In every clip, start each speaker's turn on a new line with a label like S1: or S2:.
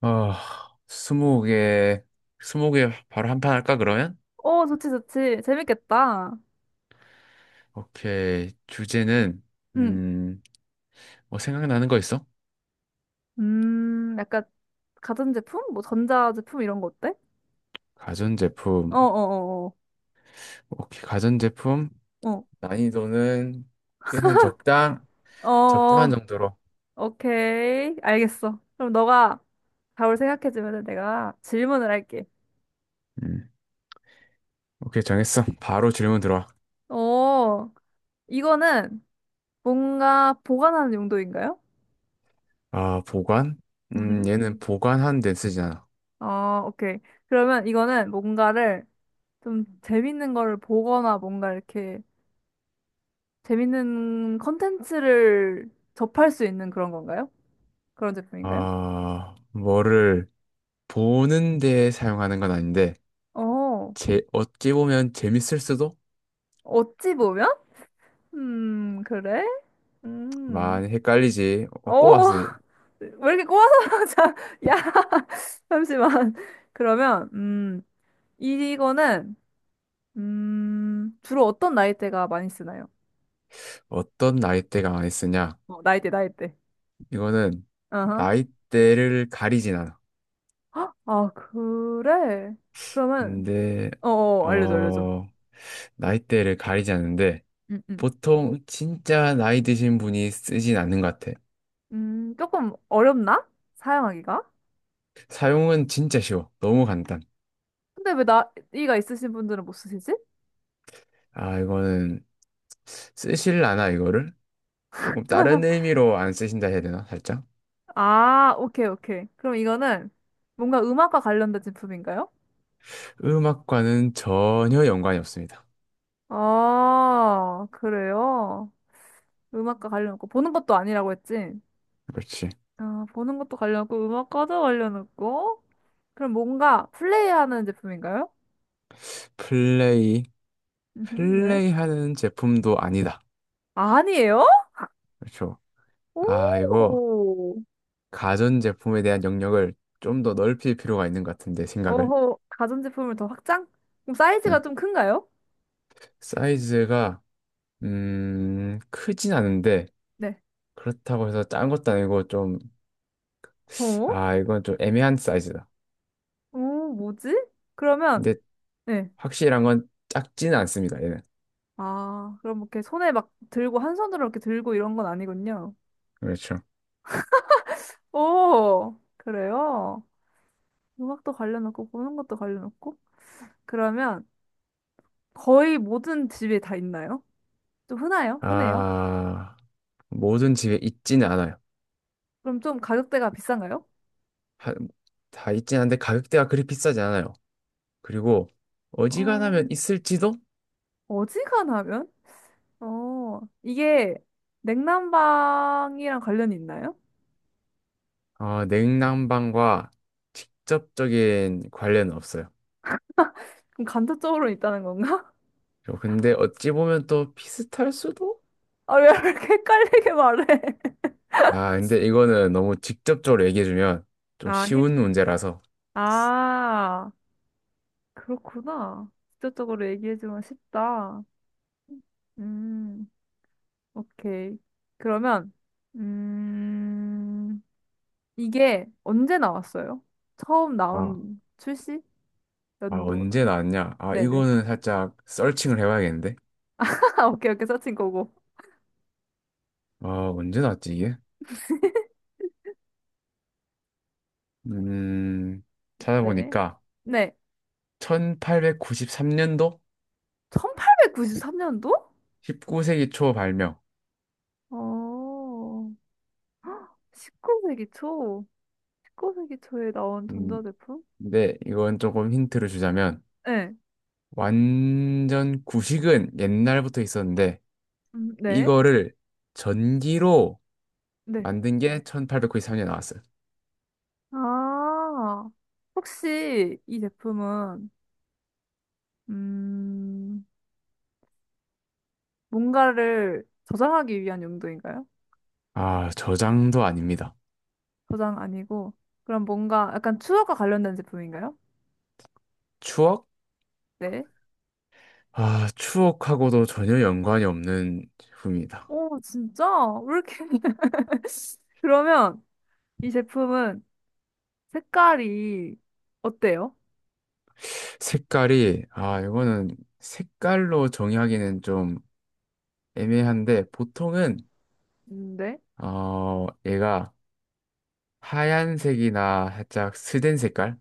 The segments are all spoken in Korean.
S1: 아, 스무 개, 스무 개 바로 한 판 할까, 그러면?
S2: 좋지, 좋지. 재밌겠다.
S1: 오케이. 주제는,
S2: 응.
S1: 음, 뭐 생각나는 거 있어?
S2: 약간 가전제품? 뭐 전자제품 이런 거 어때? 어,
S1: 가전제품.
S2: 어, 어,
S1: 오케이, 가전제품.
S2: 어.
S1: 난이도는 최대한 적당,
S2: 어,
S1: 적당한
S2: 어,
S1: 정도로.
S2: 오케이. 알겠어. 그럼 너가 답을 생각해주면 내가 질문을 할게.
S1: 음, 오케이, 정했어. 바로 질문 들어와.
S2: 어, 이거는 뭔가 보관하는 용도인가요?
S1: 아, 보관?
S2: 음.
S1: 얘는 보관하는 데 쓰지 않아.
S2: 오케이. 그러면 이거는 뭔가를 좀 재밌는 거를 보거나 뭔가 이렇게 재밌는 컨텐츠를 접할 수 있는 그런 건가요? 그런 제품인가요?
S1: 아, 뭐를 보는 데 사용하는 건 아닌데,
S2: 어,
S1: 제, 어찌 보면 재밌을 수도?
S2: 어찌 보면? 그래? 음,
S1: 많이 헷갈리지. 어,
S2: 어,
S1: 꼬았어.
S2: 왜 이렇게 꼬아서, 자, 야, 잠시만. 그러면, 이거는, 주로 어떤 나이대가 많이 쓰나요?
S1: 어떤 나이대가 많이 쓰냐?
S2: 어, 나이대, 나이대.
S1: 이거는
S2: 어허.
S1: 나이대를 가리진 않아.
S2: 헉, 아, 그래? 그러면,
S1: 근데
S2: 어, 어, 알려줘, 알려줘.
S1: 어 나이대를 가리지 않는데
S2: 음, 음.
S1: 보통 진짜 나이 드신 분이 쓰진 않는 것 같아.
S2: 조금 어렵나? 사용하기가?
S1: 사용은 진짜 쉬워. 너무 간단.
S2: 근데 왜 나이가 있으신 분들은 못 쓰시지?
S1: 아 이거는 쓰실라나 이거를? 조금 다른 의미로 안 쓰신다 해야 되나? 살짝?
S2: 아, 오케이, 오케이. 그럼 이거는 뭔가 음악과 관련된 제품인가요?
S1: 음악과는 전혀 연관이 없습니다.
S2: 아, 그래요? 음악과 관련 없고, 보는 것도 아니라고 했지?
S1: 그렇지.
S2: 아, 보는 것도 관련 없고, 음악과도 관련 없고, 그럼 뭔가 플레이하는 제품인가요?
S1: 플레이
S2: 네.
S1: 플레이하는 제품도 아니다.
S2: 아니에요?
S1: 그렇죠.
S2: 오,
S1: 아 이거 가전제품에 대한 영역을 좀 더 넓힐 필요가 있는 것 같은데, 생각을.
S2: 어허, 가전제품을 더 확장? 그럼 사이즈가
S1: 음.
S2: 좀 큰가요?
S1: 사이즈가, 크진 않은데,
S2: 네.
S1: 그렇다고 해서 작은 것도 아니고 좀,
S2: 어?
S1: 아, 이건 좀 애매한 사이즈다.
S2: 오, 뭐지? 그러면,
S1: 근데
S2: 네.
S1: 확실한 건 작지는 않습니다, 얘는.
S2: 아, 그럼 이렇게 손에 막 들고, 한 손으로 이렇게 들고 이런 건 아니군요.
S1: 그렇죠.
S2: 오, 그래요? 음악도 관련없고, 보는 것도 관련없고. 그러면 거의 모든 집에 다 있나요? 좀 흔해요? 흔해요?
S1: 아, 모든 집에 있지는 않아요.
S2: 그럼 좀 가격대가 비싼가요?
S1: 하- 다 있진 않은데 가격대가 그리 비싸지 않아요. 그리고
S2: 어,
S1: 어지간하면 있을지도,
S2: 어지간하면? 이게 냉난방이랑 관련이 있나요?
S1: 어, 냉난방과 직접적인 관련은 없어요.
S2: 그럼 간접적으로 있다는 건가?
S1: 어, 근데 어찌 보면 또 비슷할 수도?
S2: 아, 왜 이렇게 헷갈리게 말해?
S1: 아, 근데 이거는 너무 직접적으로 얘기해주면 좀
S2: 아, 힌,
S1: 쉬운 문제라서.
S2: 아. 그렇구나. 직접적으로 얘기해주면 쉽다. 음, 오케이. 그러면, 음, 이게 언제 나왔어요? 처음
S1: 아,
S2: 나온 출시?
S1: 아,
S2: 연도나.
S1: 언제 나왔냐? 아,
S2: 네네.
S1: 이거는 살짝 서칭을 해봐야겠는데?
S2: 오케이, 오케이. 서칭 고고.
S1: 아, 언제 나왔지, 이게? 음,
S2: 네.
S1: 찾아보니까
S2: 네.
S1: 1893년도
S2: 1893년도?
S1: 19세기 초 발명.
S2: 어, 19세기 초. 19세기 초에 나온
S1: 음,
S2: 전자제품?
S1: 근데 이건 조금 힌트를 주자면
S2: 네.
S1: 완전 구식은 옛날부터 있었는데
S2: 네.
S1: 이거를 전기로
S2: 네.
S1: 만든 게 1893년에 나왔어요.
S2: 아, 혹시 이 제품은 음, 뭔가를 저장하기 위한 용도인가요?
S1: 아, 저장도 아닙니다.
S2: 저장 아니고, 그럼 뭔가 약간 추억과 관련된 제품인가요?
S1: 추억?
S2: 네.
S1: 아, 추억하고도 전혀 연관이 없는 제품입니다.
S2: 오, 진짜? 왜 이렇게. 그러면 이 제품은 색깔이 어때요?
S1: 색깔이, 아, 이거는 색깔로 정의하기는 좀 애매한데, 보통은,
S2: 네.
S1: 어, 얘가 하얀색이나 살짝 스된 색깔?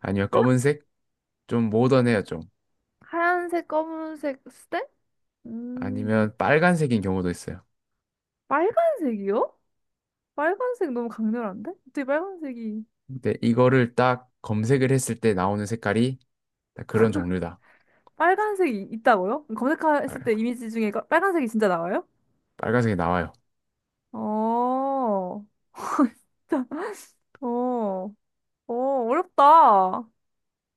S1: 아니면
S2: 하-
S1: 검은색? 좀 모던해요, 좀.
S2: 하얀색, 검은색, 스테? 음,
S1: 아니면 빨간색인 경우도 있어요.
S2: 빨간색이요? 빨간색 너무 강렬한데? 어떻게 빨간색이,
S1: 근데 이거를 딱 검색을 했을 때 나오는 색깔이 딱 그런 종류다.
S2: 빨간색이 있다고요? 검색했을
S1: 빨-
S2: 때 이미지 중에 빨간색이 진짜 나와요?
S1: 빨간색이 나와요.
S2: 어, 어, 어렵다.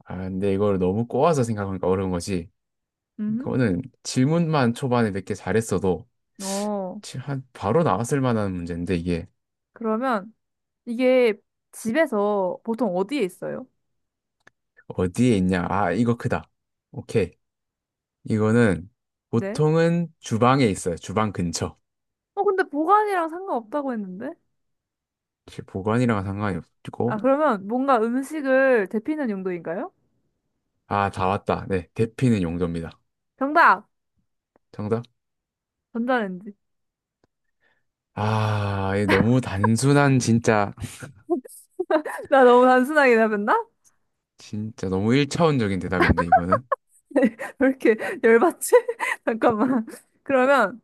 S1: 아, 근데 이걸 너무 꼬아서 생각하니까 어려운 거지.
S2: 음.
S1: 이거는 질문만 초반에 몇 개 잘했어도
S2: 어,
S1: 지- 한 바로 나왔을 만한 문제인데 이게
S2: 그러면 이게 집에서 보통 어디에 있어요?
S1: 어디에 있냐? 아, 이거 크다. 오케이. 이거는
S2: 네.
S1: 보통은 주방에 있어요. 주방 근처.
S2: 어, 근데 보관이랑 상관없다고 했는데?
S1: 혹시 보관이랑 상관이 없고.
S2: 아, 그러면 뭔가 음식을 데피는 용도인가요?
S1: 아, 다 왔다. 네, 대피는 용도입니다.
S2: 정답!
S1: 정답?
S2: 전자레인지.
S1: 아, 이 너무 단순한 진짜
S2: 나 너무 단순하게 답했나?
S1: 진짜 너무 1차원적인 대답인데 이거는.
S2: 왜 이렇게 열받지? 잠깐만. 그러면,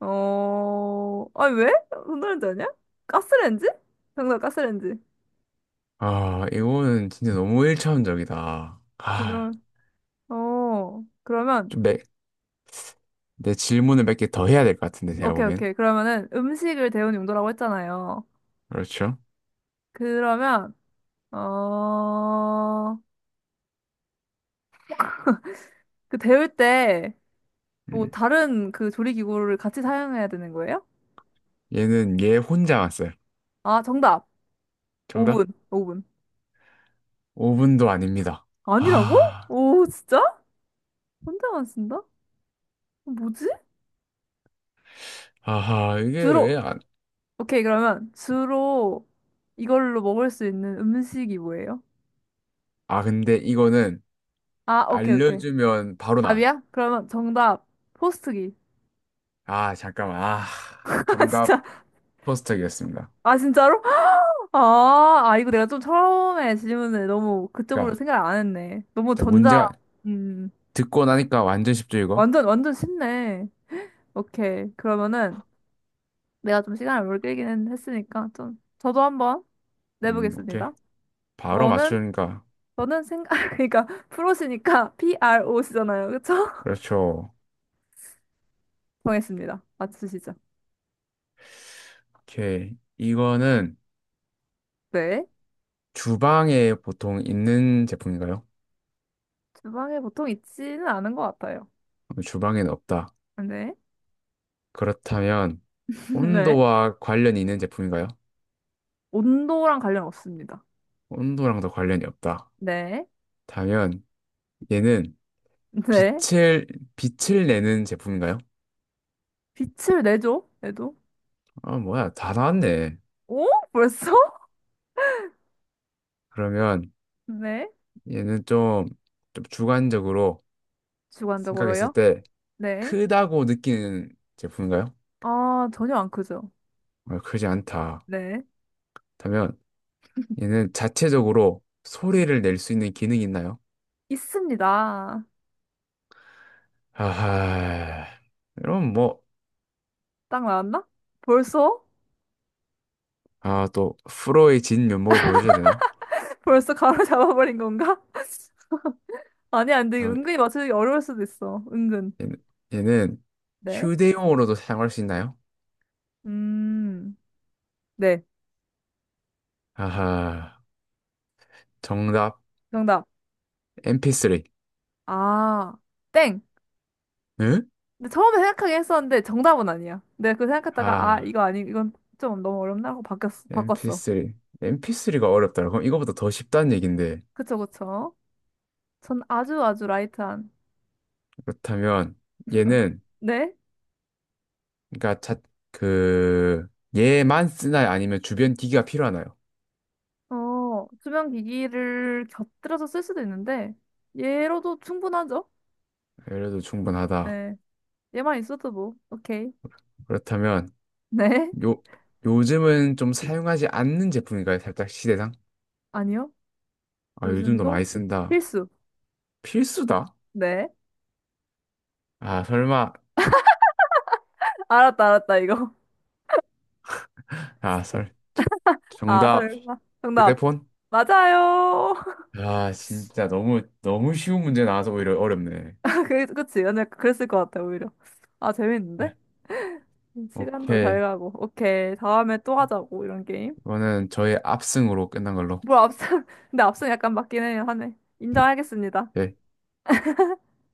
S2: 어, 아니, 왜? 전자레인지 아니야? 가스레인지? 정답, 가스레인지.
S1: 아, 이거는 진짜 너무 1차원적이다. 아,
S2: 그럼, 어, 그러면
S1: 좀 매, 내 질문을 몇 개 더 해야 될 것 같은데, 제가
S2: 오케이,
S1: 보기엔.
S2: 오케이. 그러면은 음식을 데우는 용도라고 했잖아요.
S1: 그렇죠?
S2: 그러면, 어, 그 데울 때 뭐
S1: 음.
S2: 다른 그 조리기구를 같이 사용해야 되는 거예요?
S1: 얘는 얘 혼자 왔어요.
S2: 아, 정답.
S1: 정답?
S2: 오븐, 오븐.
S1: 오 분도 아닙니다.
S2: 아니라고?
S1: 아,
S2: 오, 진짜? 혼자만 쓴다? 뭐지?
S1: 아하, 이게 왜
S2: 주로,
S1: 안,
S2: 오케이. 그러면 주로 이걸로 먹을 수 있는 음식이 뭐예요?
S1: 아, 근데 이거는
S2: 아, 오케이, 오케이.
S1: 알려주면 바로 나와요.
S2: 답이야? 그러면 정답. 포스트기.
S1: 아, 잠깐만. 아,
S2: 아,
S1: 정답
S2: 진짜.
S1: 토스트기였습니다.
S2: 아, 진짜로? 아, 아, 이거 내가 좀 처음에 질문을 너무 그쪽으로
S1: 그러니까,
S2: 생각을 안 했네. 너무
S1: 자,
S2: 전자,
S1: 문제가
S2: 음,
S1: 듣고 나니까 완전 쉽죠, 이거?
S2: 완전, 완전 쉽네. 오케이. 그러면은 내가 좀 시간을 오래 끌기는 했으니까 좀, 저도 한번
S1: 오케이.
S2: 내보겠습니다.
S1: 바로
S2: 저는,
S1: 맞추니까.
S2: 저는 생각, 그러니까 프로시니까 PRO시잖아요. 그쵸?
S1: 그렇죠.
S2: 정했습니다. 맞추시죠.
S1: 오케이. 이거는
S2: 네.
S1: 주방에 보통 있는 제품인가요?
S2: 주방에 보통 있지는 않은 것 같아요.
S1: 주방에는 없다.
S2: 네.
S1: 그렇다면
S2: 네.
S1: 온도와 관련이 있는 제품인가요?
S2: 온도랑 관련 없습니다.
S1: 온도랑도 관련이 없다.
S2: 네.
S1: 다면 얘는
S2: 네.
S1: 빛을 빛을 내는 제품인가요?
S2: 빛을 내죠? 얘도?
S1: 아 뭐야 다 나왔네.
S2: 오? 벌써?
S1: 그러면
S2: 네.
S1: 얘는 좀, 좀 주관적으로 생각했을
S2: 주관적으로요?
S1: 때
S2: 네.
S1: 크다고 느끼는 제품인가요?
S2: 아, 전혀 안 크죠?
S1: 아, 크지 않다.
S2: 네.
S1: 다면 얘는 자체적으로 소리를 낼 수 있는 기능이 있나요?
S2: 있습니다.
S1: 아하 이럼 뭐
S2: 딱 나왔나? 벌써?
S1: 아 또 프로의 진면목을 보여줘야 되나?
S2: 벌써 가로잡아버린 건가? 아니, 안 돼. 은근히 맞추기 어려울 수도 있어. 은근.
S1: 얘는, 얘는
S2: 네.
S1: 휴대용으로도 사용할 수 있나요?
S2: 음. 네.
S1: 아하, 정답,
S2: 정답.
S1: MP3.
S2: 아, 땡.
S1: 응?
S2: 근데 처음에 생각하긴 했었는데 정답은 아니야. 내가 그 생각했다가 아,
S1: 아,
S2: 이거 아니, 이건 좀 너무 어렵나 하고 바꿨어.
S1: MP3. MP3가 어렵더라. 그럼 이거보다 더 쉽다는 얘긴데.
S2: 그쵸, 그쵸. 전 아주 아주 라이트한.
S1: 그렇다면, 얘는,
S2: 네?
S1: 그니까, 자, 그, 얘만 쓰나요? 아니면 주변 기기가 필요하나요?
S2: 어, 수면 기기를 곁들여서 쓸 수도 있는데, 얘로도 충분하죠?
S1: 그래도 충분하다.
S2: 네. 얘만 있어도 뭐, 오케이.
S1: 그렇다면,
S2: 네.
S1: 요, 요즘은 좀 사용하지 않는 제품인가요? 살짝 시대상?
S2: 아니요.
S1: 아, 요즘도
S2: 요즘도
S1: 많이 쓴다.
S2: 필수.
S1: 필수다?
S2: 네.
S1: 아, 설마,
S2: 알았다, 알았다, 이거.
S1: 아, 설.
S2: 아,
S1: 정답.
S2: 설마. 정답.
S1: 휴대폰?
S2: 맞아요.
S1: 아, 진짜 너무, 너무 쉬운 문제 나와서 오히려 어렵네.
S2: 그, 그치. 근데 그랬을 것 같아, 오히려. 아, 재밌는데?
S1: 네,
S2: 시간도 잘
S1: 오케이.
S2: 가고. 오케이. 다음에 또 하자고, 이런 게임.
S1: 이거는 저의 압승으로 끝난 걸로.
S2: 뭐, 앞선, 근데 앞선 약간 맞긴 해요, 하네. 인정하겠습니다.
S1: 네.